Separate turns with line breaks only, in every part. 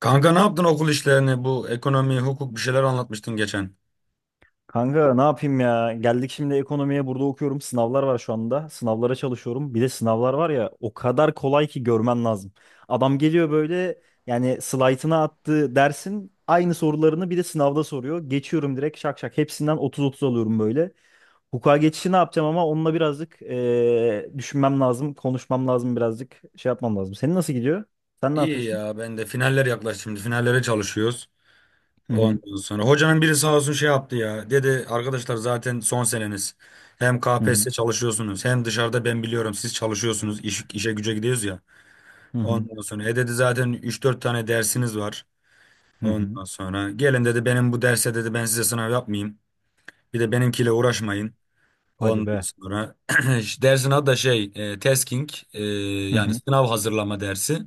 Kanka ne yaptın okul işlerini? Bu ekonomi, hukuk bir şeyler anlatmıştın geçen.
Kanka ne yapayım ya? Geldik şimdi ekonomiye burada okuyorum. Sınavlar var şu anda. Sınavlara çalışıyorum. Bir de sınavlar var ya o kadar kolay ki görmen lazım. Adam geliyor böyle yani slaytına attığı dersin aynı sorularını bir de sınavda soruyor. Geçiyorum direkt şak şak. Hepsinden 30-30 alıyorum böyle. Hukuka geçişi ne yapacağım ama onunla birazcık düşünmem lazım. Konuşmam lazım birazcık. Şey yapmam lazım. Senin nasıl gidiyor? Sen ne
İyi
yapıyorsun?
ya ben de finaller yaklaştı şimdi. Finallere çalışıyoruz.
Hı hı.
Ondan sonra hocanın biri sağ olsun şey yaptı ya. Dedi arkadaşlar zaten son seneniz. Hem
Hı hı.
KPSS çalışıyorsunuz hem dışarıda ben biliyorum siz çalışıyorsunuz. İş, işe güce gidiyoruz ya.
Hı hı.
Ondan sonra dedi zaten üç dört tane dersiniz var.
Hı hı.
Ondan sonra gelin dedi benim bu derse dedi ben size sınav yapmayayım. Bir de benimkiyle uğraşmayın.
Hadi
Ondan
be.
sonra işte dersin adı da şey tasking
Hı
yani
hı.
sınav hazırlama dersi.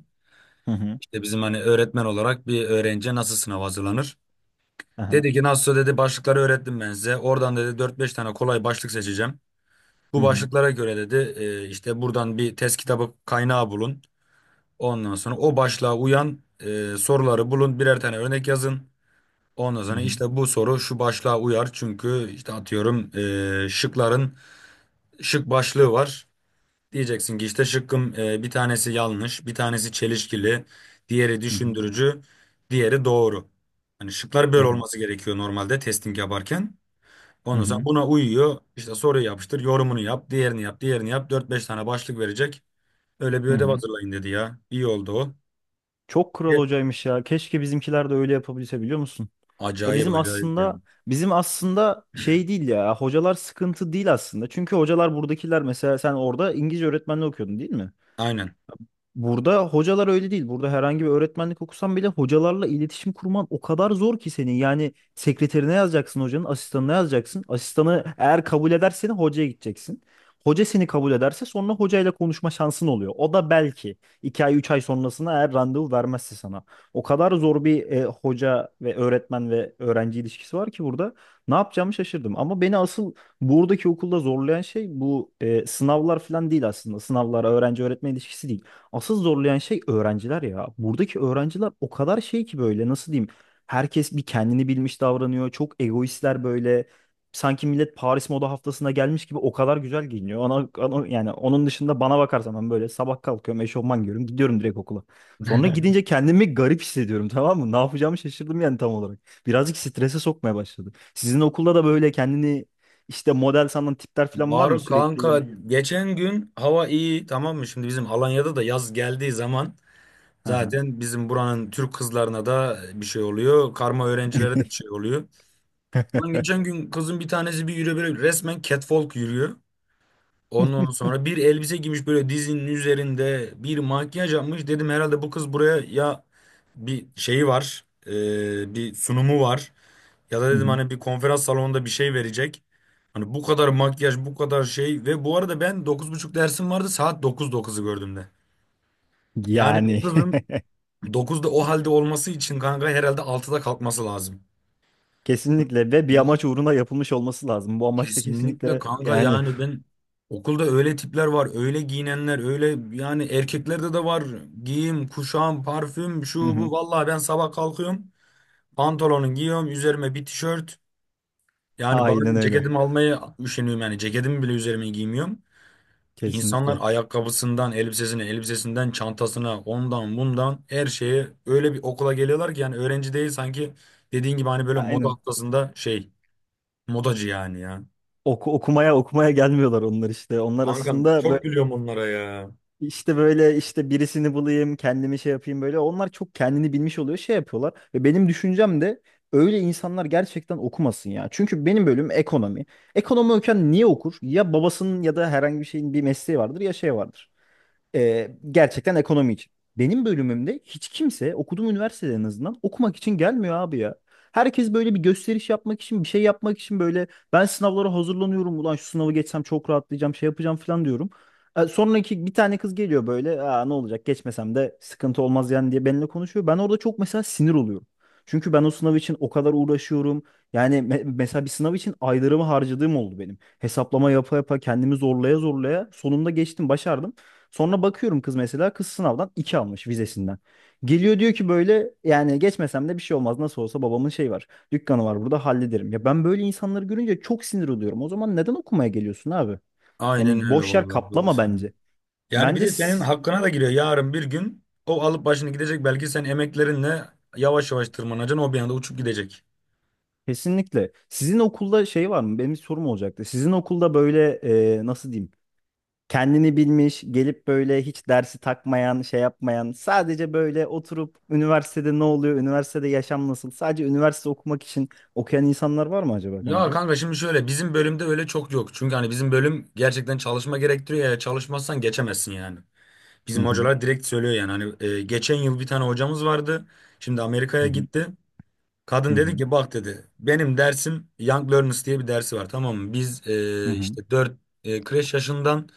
Hı hı.
İşte bizim hani öğretmen olarak bir öğrenciye nasıl sınav hazırlanır?
Aha.
Dedi ki nasıl dedi başlıkları öğrettim ben size. Oradan dedi dört beş tane kolay başlık seçeceğim.
Hı
Bu
hı.
başlıklara göre dedi işte buradan bir test kitabı kaynağı bulun. Ondan sonra o başlığa uyan soruları bulun. Birer tane örnek yazın. Ondan
Hı
sonra
hı.
işte bu soru şu başlığa uyar. Çünkü işte atıyorum şıkların şık başlığı var. Diyeceksin ki işte şıkkım bir tanesi yanlış, bir tanesi çelişkili, diğeri
Hı hı,
düşündürücü, diğeri doğru. Hani şıklar
hı
böyle
hı,
olması gerekiyor normalde testing yaparken.
hı
Ondan sonra
hı,
buna uyuyor. İşte soruyu yapıştır, yorumunu yap, diğerini yap, diğerini yap. Dört beş tane başlık verecek. Öyle bir
hı
ödev
hı.
hazırlayın dedi ya. İyi oldu o.
Çok kral
Ye-
hocaymış ya. Keşke bizimkiler de öyle yapabilse biliyor musun? Ya
Acayip
bizim
acayip
aslında
yani.
bizim aslında şey değil ya. Hocalar sıkıntı değil aslında. Çünkü hocalar buradakiler mesela sen orada İngilizce öğretmenliği okuyordun değil mi?
Aynen.
Burada hocalar öyle değil. Burada herhangi bir öğretmenlik okusan bile hocalarla iletişim kurman o kadar zor ki senin. Yani sekreterine yazacaksın hocanın, asistanına yazacaksın. Asistanı eğer kabul ederse hocaya gideceksin. Hoca seni kabul ederse sonra hocayla konuşma şansın oluyor. O da belki 2 ay 3 ay sonrasına eğer randevu vermezse sana. O kadar zor bir hoca ve öğretmen ve öğrenci ilişkisi var ki burada. Ne yapacağımı şaşırdım. Ama beni asıl buradaki okulda zorlayan şey bu sınavlar falan değil aslında. Sınavlar, öğrenci öğretmen ilişkisi değil. Asıl zorlayan şey öğrenciler ya. Buradaki öğrenciler o kadar şey ki böyle nasıl diyeyim? Herkes bir kendini bilmiş davranıyor. Çok egoistler böyle. Sanki millet Paris Moda Haftası'na gelmiş gibi o kadar güzel giyiniyor. Yani onun dışında bana bakarsan ben böyle sabah kalkıyorum, eşofman giyiyorum, gidiyorum direkt okula. Sonra gidince kendimi garip hissediyorum tamam mı? Ne yapacağımı şaşırdım yani tam olarak. Birazcık strese sokmaya başladı. Sizin okulda da böyle kendini işte model sanan tipler falan var mı
Var
sürekli
kanka,
gelip?
geçen gün hava iyi tamam mı? Şimdi bizim Alanya'da da yaz geldiği zaman
Hı hı.
zaten bizim buranın Türk kızlarına da bir şey oluyor. Karma öğrencilere de bir şey oluyor. Ulan geçen gün kızın bir tanesi bir yürüyor böyle, resmen catwalk yürüyor. Ondan sonra bir elbise giymiş böyle dizinin üzerinde, bir makyaj yapmış. Dedim herhalde bu kız buraya ya bir şeyi var, bir sunumu var. Ya da
Hı
dedim
hı.
hani bir konferans salonunda bir şey verecek. Hani bu kadar makyaj, bu kadar şey, ve bu arada ben dokuz buçuk dersim vardı, saat dokuz dokuzu gördüm de. Yani bu
Yani
kızın 9'da o halde olması için kanka, herhalde 6'da kalkması lazım.
kesinlikle ve bir
Bu
amaç uğruna yapılmış olması lazım. Bu amaç da
Kesinlikle
kesinlikle
kanka,
yani
yani ben okulda öyle tipler var, öyle giyinenler, öyle, yani erkeklerde de var. Giyim, kuşam, parfüm, şu
hı
bu.
hı,
Vallahi ben sabah kalkıyorum, pantolonu giyiyorum, üzerime bir tişört. Yani
aynen
bazen
öyle.
ceketimi almaya üşeniyorum, yani ceketimi bile üzerime giymiyorum. İnsanlar
Kesinlikle.
ayakkabısından elbisesine, elbisesinden çantasına, ondan bundan her şeye öyle bir okula geliyorlar ki, yani öğrenci değil sanki, dediğin gibi hani böyle moda
Aynen.
haftasında şey, modacı yani ya.
Okumaya okumaya gelmiyorlar onlar işte. Onlar
Kankam
aslında böyle
çok gülüyorum onlara ya.
işte böyle işte birisini bulayım, kendimi şey yapayım böyle. Onlar çok kendini bilmiş oluyor, şey yapıyorlar. Ve benim düşüncem de öyle insanlar gerçekten okumasın ya. Çünkü benim bölüm ekonomi. Ekonomi okuyan niye okur? Ya babasının ya da herhangi bir şeyin bir mesleği vardır ya şey vardır. Gerçekten ekonomi için. Benim bölümümde hiç kimse okuduğum üniversitede en azından okumak için gelmiyor abi ya. Herkes böyle bir gösteriş yapmak için, bir şey yapmak için böyle ben sınavlara hazırlanıyorum. Ulan şu sınavı geçsem çok rahatlayacağım, şey yapacağım falan diyorum. Sonraki bir tane kız geliyor böyle aa, ne olacak geçmesem de sıkıntı olmaz yani diye benimle konuşuyor. Ben orada çok mesela sinir oluyorum. Çünkü ben o sınav için o kadar uğraşıyorum. Yani mesela bir sınav için aylarımı harcadığım oldu benim. Hesaplama yapa yapa kendimi zorlaya zorlaya sonunda geçtim, başardım. Sonra bakıyorum kız mesela kız sınavdan 2 almış vizesinden. Geliyor diyor ki böyle yani geçmesem de bir şey olmaz nasıl olsa babamın şey var. Dükkanı var burada hallederim. Ya ben böyle insanları görünce çok sinir oluyorum. O zaman neden okumaya geliyorsun abi?
Aynen
Yani
öyle
boş yer
vallahi, doğru
kaplama bence.
söylüyorsun. Yani bir
Bence
de senin
siz-
hakkına da giriyor, yarın bir gün o alıp başını gidecek belki, sen emeklerinle yavaş yavaş tırmanacaksın, o bir anda uçup gidecek.
Kesinlikle. Sizin okulda şey var mı? Benim bir sorum olacaktı. Sizin okulda böyle nasıl diyeyim? Kendini bilmiş, gelip böyle hiç dersi takmayan, şey yapmayan, sadece böyle oturup üniversitede ne oluyor, üniversitede yaşam nasıl, sadece üniversite okumak için okuyan insanlar var mı acaba
Ya
kanka?
kanka şimdi şöyle, bizim bölümde öyle çok yok. Çünkü hani bizim bölüm gerçekten çalışma gerektiriyor ya, çalışmazsan geçemezsin yani.
Hı
Bizim
hı,
hocalar direkt söylüyor yani, hani geçen yıl bir tane hocamız vardı. Şimdi Amerika'ya
hı hı,
gitti.
hı
Kadın dedi
hı,
ki bak dedi benim dersim Young Learners diye bir dersi var tamam mı? Biz
hı hı,
işte 4 kreş yaşından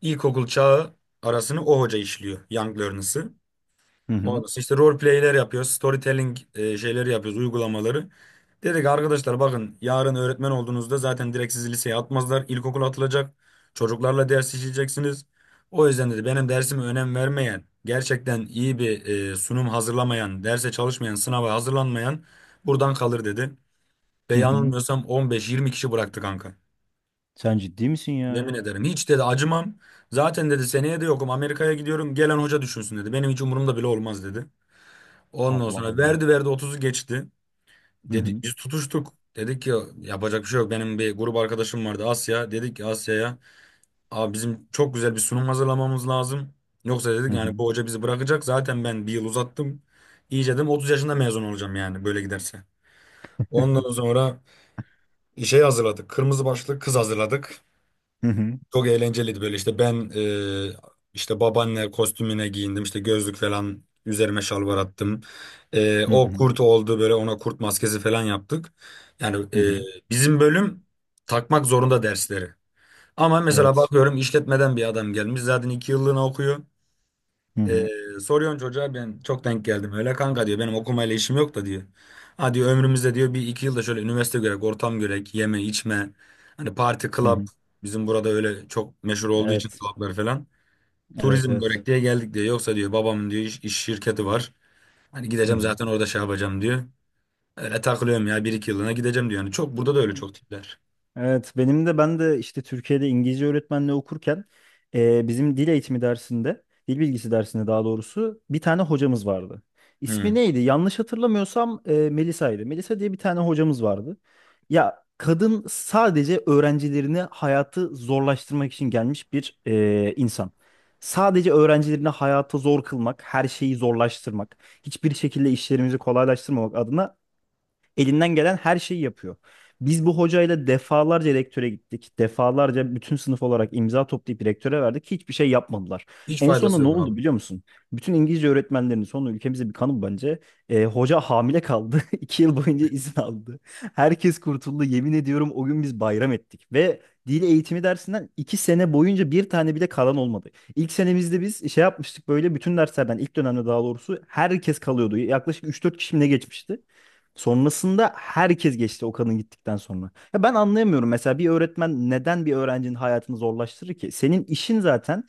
ilkokul çağı arasını o hoca işliyor, Young Learners'ı.
hı hı,
Ondan sonra işte role play'ler yapıyoruz. Storytelling şeyleri yapıyoruz, uygulamaları. Dedik arkadaşlar bakın yarın öğretmen olduğunuzda zaten direkt sizi liseye atmazlar. İlkokul atılacak. Çocuklarla ders işleyeceksiniz. O yüzden dedi benim dersime önem vermeyen, gerçekten iyi bir sunum hazırlamayan, derse çalışmayan, sınava hazırlanmayan buradan kalır dedi. Ve
hı hı.
yanılmıyorsam 15-20 kişi bıraktı kanka.
Sen ciddi misin
Yemin
ya?
ederim hiç dedi acımam. Zaten dedi seneye de yokum, Amerika'ya gidiyorum, gelen hoca düşünsün dedi. Benim hiç umurumda bile olmaz dedi. Ondan
Allah
sonra
Allah.
verdi verdi 30'u geçti.
Hı
Dedi
hı,
biz tutuştuk. Dedik ki yapacak bir şey yok. Benim bir grup arkadaşım vardı, Asya. Dedik ki Asya'ya, abi bizim çok güzel bir sunum hazırlamamız lazım. Yoksa
hı
dedik yani
hı,
bu hoca bizi bırakacak. Zaten ben bir yıl uzattım. İyice dedim 30 yaşında mezun olacağım yani böyle giderse. Ondan sonra işe hazırladık. Kırmızı başlık kız hazırladık.
hı hı,
Çok eğlenceliydi böyle, işte ben e, işte babaanne kostümüne giyindim, işte gözlük falan üzerime, şalvar attım. E,
hı
o
hı,
kurt oldu böyle, ona kurt maskesi falan yaptık. Yani
hı hı.
bizim bölüm takmak zorunda dersleri. Ama mesela
Evet.
bakıyorum işletmeden bir adam gelmiş, zaten 2 yıllığına okuyor.
Hı
Ee,
hı,
Soruyorsun çocuğa, ben çok denk geldim. Öyle kanka diyor, benim okumayla işim yok da diyor. Ha diyor ömrümüzde diyor bir iki yılda şöyle üniversite görek, ortam görek, yeme içme. Hani parti,
hı
club,
hı.
bizim burada öyle çok meşhur olduğu için
Evet.
clublar falan.
Evet,
Turizm
evet.
görek diye geldik diyor. Yoksa diyor babamın diyor iş şirketi var. Hani
Hı
gideceğim zaten orada şey yapacağım diyor. Öyle takılıyorum ya, bir iki yılına gideceğim diyor. Yani çok burada da öyle
hı.
çok tipler.
Evet, ben de işte Türkiye'de İngilizce öğretmenliği okurken bizim dil eğitimi dersinde, dil bilgisi dersinde daha doğrusu bir tane hocamız vardı. İsmi
Hmm.
neydi? Yanlış hatırlamıyorsam Melisa'ydı. Melisa diye bir tane hocamız vardı. Ya kadın sadece öğrencilerini hayatı zorlaştırmak için gelmiş bir insan. Sadece öğrencilerini hayata zor kılmak, her şeyi zorlaştırmak, hiçbir şekilde işlerimizi kolaylaştırmamak adına elinden gelen her şeyi yapıyor. Biz bu hocayla defalarca rektöre gittik. Defalarca bütün sınıf olarak imza toplayıp rektöre verdik. Hiçbir şey yapmadılar.
Hiç
En sonunda
faydası
ne
yok
oldu
abi.
biliyor musun? Bütün İngilizce öğretmenlerinin sonu ülkemize bir kanı bence. Hoca hamile kaldı. İki yıl boyunca izin aldı. Herkes kurtuldu. Yemin ediyorum o gün biz bayram ettik. Ve dil eğitimi dersinden iki sene boyunca bir tane bile kalan olmadı. İlk senemizde biz şey yapmıştık böyle bütün derslerden ilk dönemde daha doğrusu herkes kalıyordu. Yaklaşık üç dört kişi mi ne geçmişti. Sonrasında herkes geçti o kadın gittikten sonra. Ya ben anlayamıyorum mesela bir öğretmen neden bir öğrencinin hayatını zorlaştırır ki? Senin işin zaten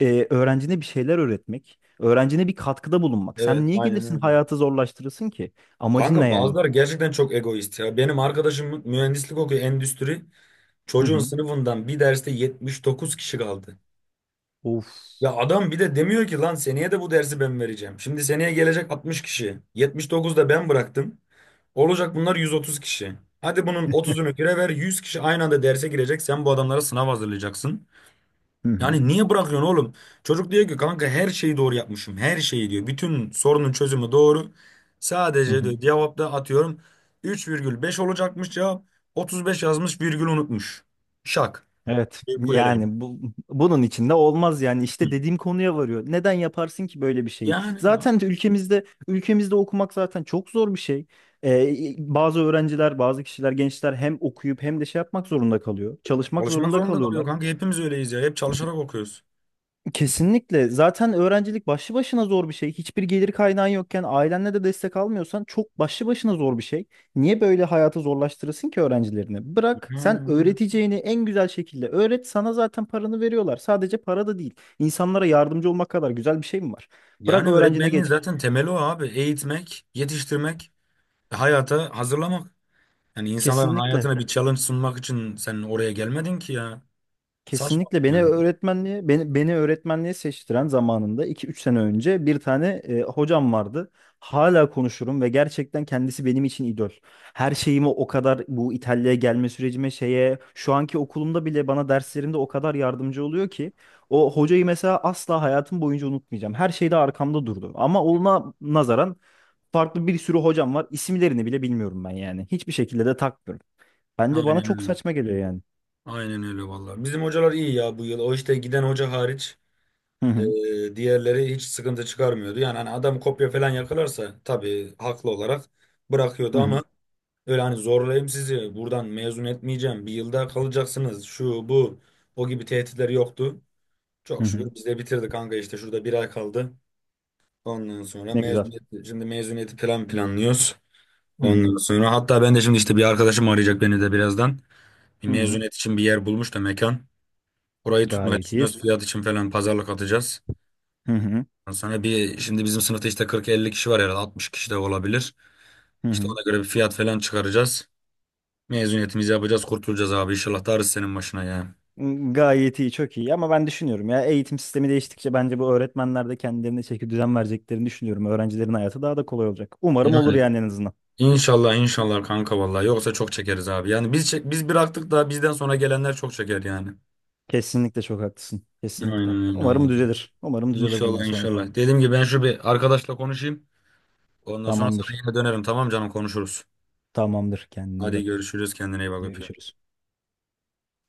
öğrencine bir şeyler öğretmek, öğrencine bir katkıda bulunmak. Sen
Evet,
niye
aynen
gelirsin
öyle.
hayatı zorlaştırırsın ki? Amacın ne
Kanka
yani?
bazıları gerçekten çok egoist ya. Benim arkadaşım mühendislik okuyor, endüstri.
Hı
Çocuğun
hı.
sınıfından bir derste 79 kişi kaldı.
Of.
Ya adam bir de demiyor ki lan seneye de bu dersi ben vereceğim. Şimdi seneye gelecek 60 kişi, 79 da ben bıraktım. Olacak bunlar 130 kişi. Hadi bunun 30'unu kire ver, 100 kişi aynı anda derse girecek. Sen bu adamlara sınav hazırlayacaksın.
Hı hı.
Yani niye bırakıyorsun oğlum? Çocuk diyor ki kanka her şeyi doğru yapmışım. Her şeyi diyor. Bütün sorunun çözümü doğru.
Hı
Sadece
hı.
diyor cevapta, atıyorum, 3,5 olacakmış cevap. 35 yazmış, virgül unutmuş. Şak.
Evet
Bir kuleleme.
yani bunun içinde olmaz yani
Hı.
işte dediğim konuya varıyor. Neden yaparsın ki böyle bir şeyi?
Yani
Zaten de ülkemizde okumak zaten çok zor bir şey. Bazı öğrenciler, bazı kişiler, gençler hem okuyup hem de şey yapmak zorunda kalıyor. Çalışmak
çalışmak
zorunda
zorunda kalıyor
kalıyorlar.
kanka. Hepimiz öyleyiz ya. Hep çalışarak okuyoruz.
Kesinlikle. Zaten öğrencilik başlı başına zor bir şey. Hiçbir gelir kaynağın yokken ailenle de destek almıyorsan çok başlı başına zor bir şey. Niye böyle hayatı zorlaştırırsın ki öğrencilerini? Bırak
Yani,
sen
aynen.
öğreteceğini en güzel şekilde öğret. Sana zaten paranı veriyorlar. Sadece para da değil. İnsanlara yardımcı olmak kadar güzel bir şey mi var? Bırak
Yani
öğrencine
öğretmenliğin
geç.
zaten temeli o abi. Eğitmek, yetiştirmek, hayata hazırlamak. Yani insanların
Kesinlikle.
hayatına bir challenge sunmak için sen oraya gelmedin ki ya. Saçma
Kesinlikle beni
yani.
öğretmenliğe beni, beni öğretmenliğe seçtiren zamanında iki üç sene önce bir tane hocam vardı. Hala konuşurum ve gerçekten kendisi benim için idol. Her şeyimi o kadar bu İtalya'ya gelme sürecime şeye şu anki okulumda bile bana derslerimde o kadar yardımcı oluyor ki o hocayı mesela asla hayatım boyunca unutmayacağım. Her şeyde arkamda durdu. Ama ona nazaran farklı bir sürü hocam var. İsimlerini bile bilmiyorum ben yani. Hiçbir şekilde de takmıyorum. Bence bana
Aynen
çok
öyle.
saçma geliyor yani.
Aynen öyle vallahi. Bizim hocalar iyi ya bu yıl. O işte giden hoca hariç
Hı hı.
diğerleri hiç sıkıntı çıkarmıyordu. Yani hani adam kopya falan yakalarsa tabii haklı olarak
Hı
bırakıyordu,
hı.
ama öyle hani zorlayayım sizi, buradan mezun etmeyeceğim, bir yılda kalacaksınız, şu bu, o gibi tehditler yoktu.
Hı
Çok
hı.
şükür biz de bitirdik kanka, işte şurada bir ay kaldı. Ondan sonra
Ne güzel.
mezuniyet, şimdi mezuniyeti planlıyoruz.
Hı hı.
Ondan sonra hatta ben de şimdi işte bir arkadaşım arayacak beni de birazdan. Bir
Hı hı.
mezuniyet için bir yer bulmuş da, mekan. Orayı tutmayı
Gayet iyi.
düşünüyoruz, fiyat için falan pazarlık atacağız.
Hı hı.
Ondan sonra bir şimdi bizim sınıfta işte 40-50 kişi var, herhalde 60 kişi de olabilir.
Hı
İşte
hı.
ona göre bir fiyat falan çıkaracağız. Mezuniyetimizi yapacağız, kurtulacağız abi. İnşallah da senin başına ya.
Gayet iyi, çok iyi. Ama ben düşünüyorum ya eğitim sistemi değiştikçe bence bu öğretmenler de kendilerine çeki düzen vereceklerini düşünüyorum. Öğrencilerin hayatı daha da kolay olacak. Umarım
Yani
olur
Yani
yani en azından.
inşallah inşallah kanka vallahi, yoksa çok çekeriz abi. Yani biz bıraktık da bizden sonra gelenler çok çeker yani.
Kesinlikle çok haklısın.
Aynen
Kesinlikle.
öyle
Umarım
abi.
düzelir. Umarım düzelir bundan
İnşallah
sonra.
inşallah. Dediğim gibi ben şu bir arkadaşla konuşayım. Ondan sonra sana
Tamamdır.
yine dönerim, tamam canım, konuşuruz.
Tamamdır. Kendine iyi
Hadi
bak.
görüşürüz, kendine iyi bak, öpüyorum.
Görüşürüz.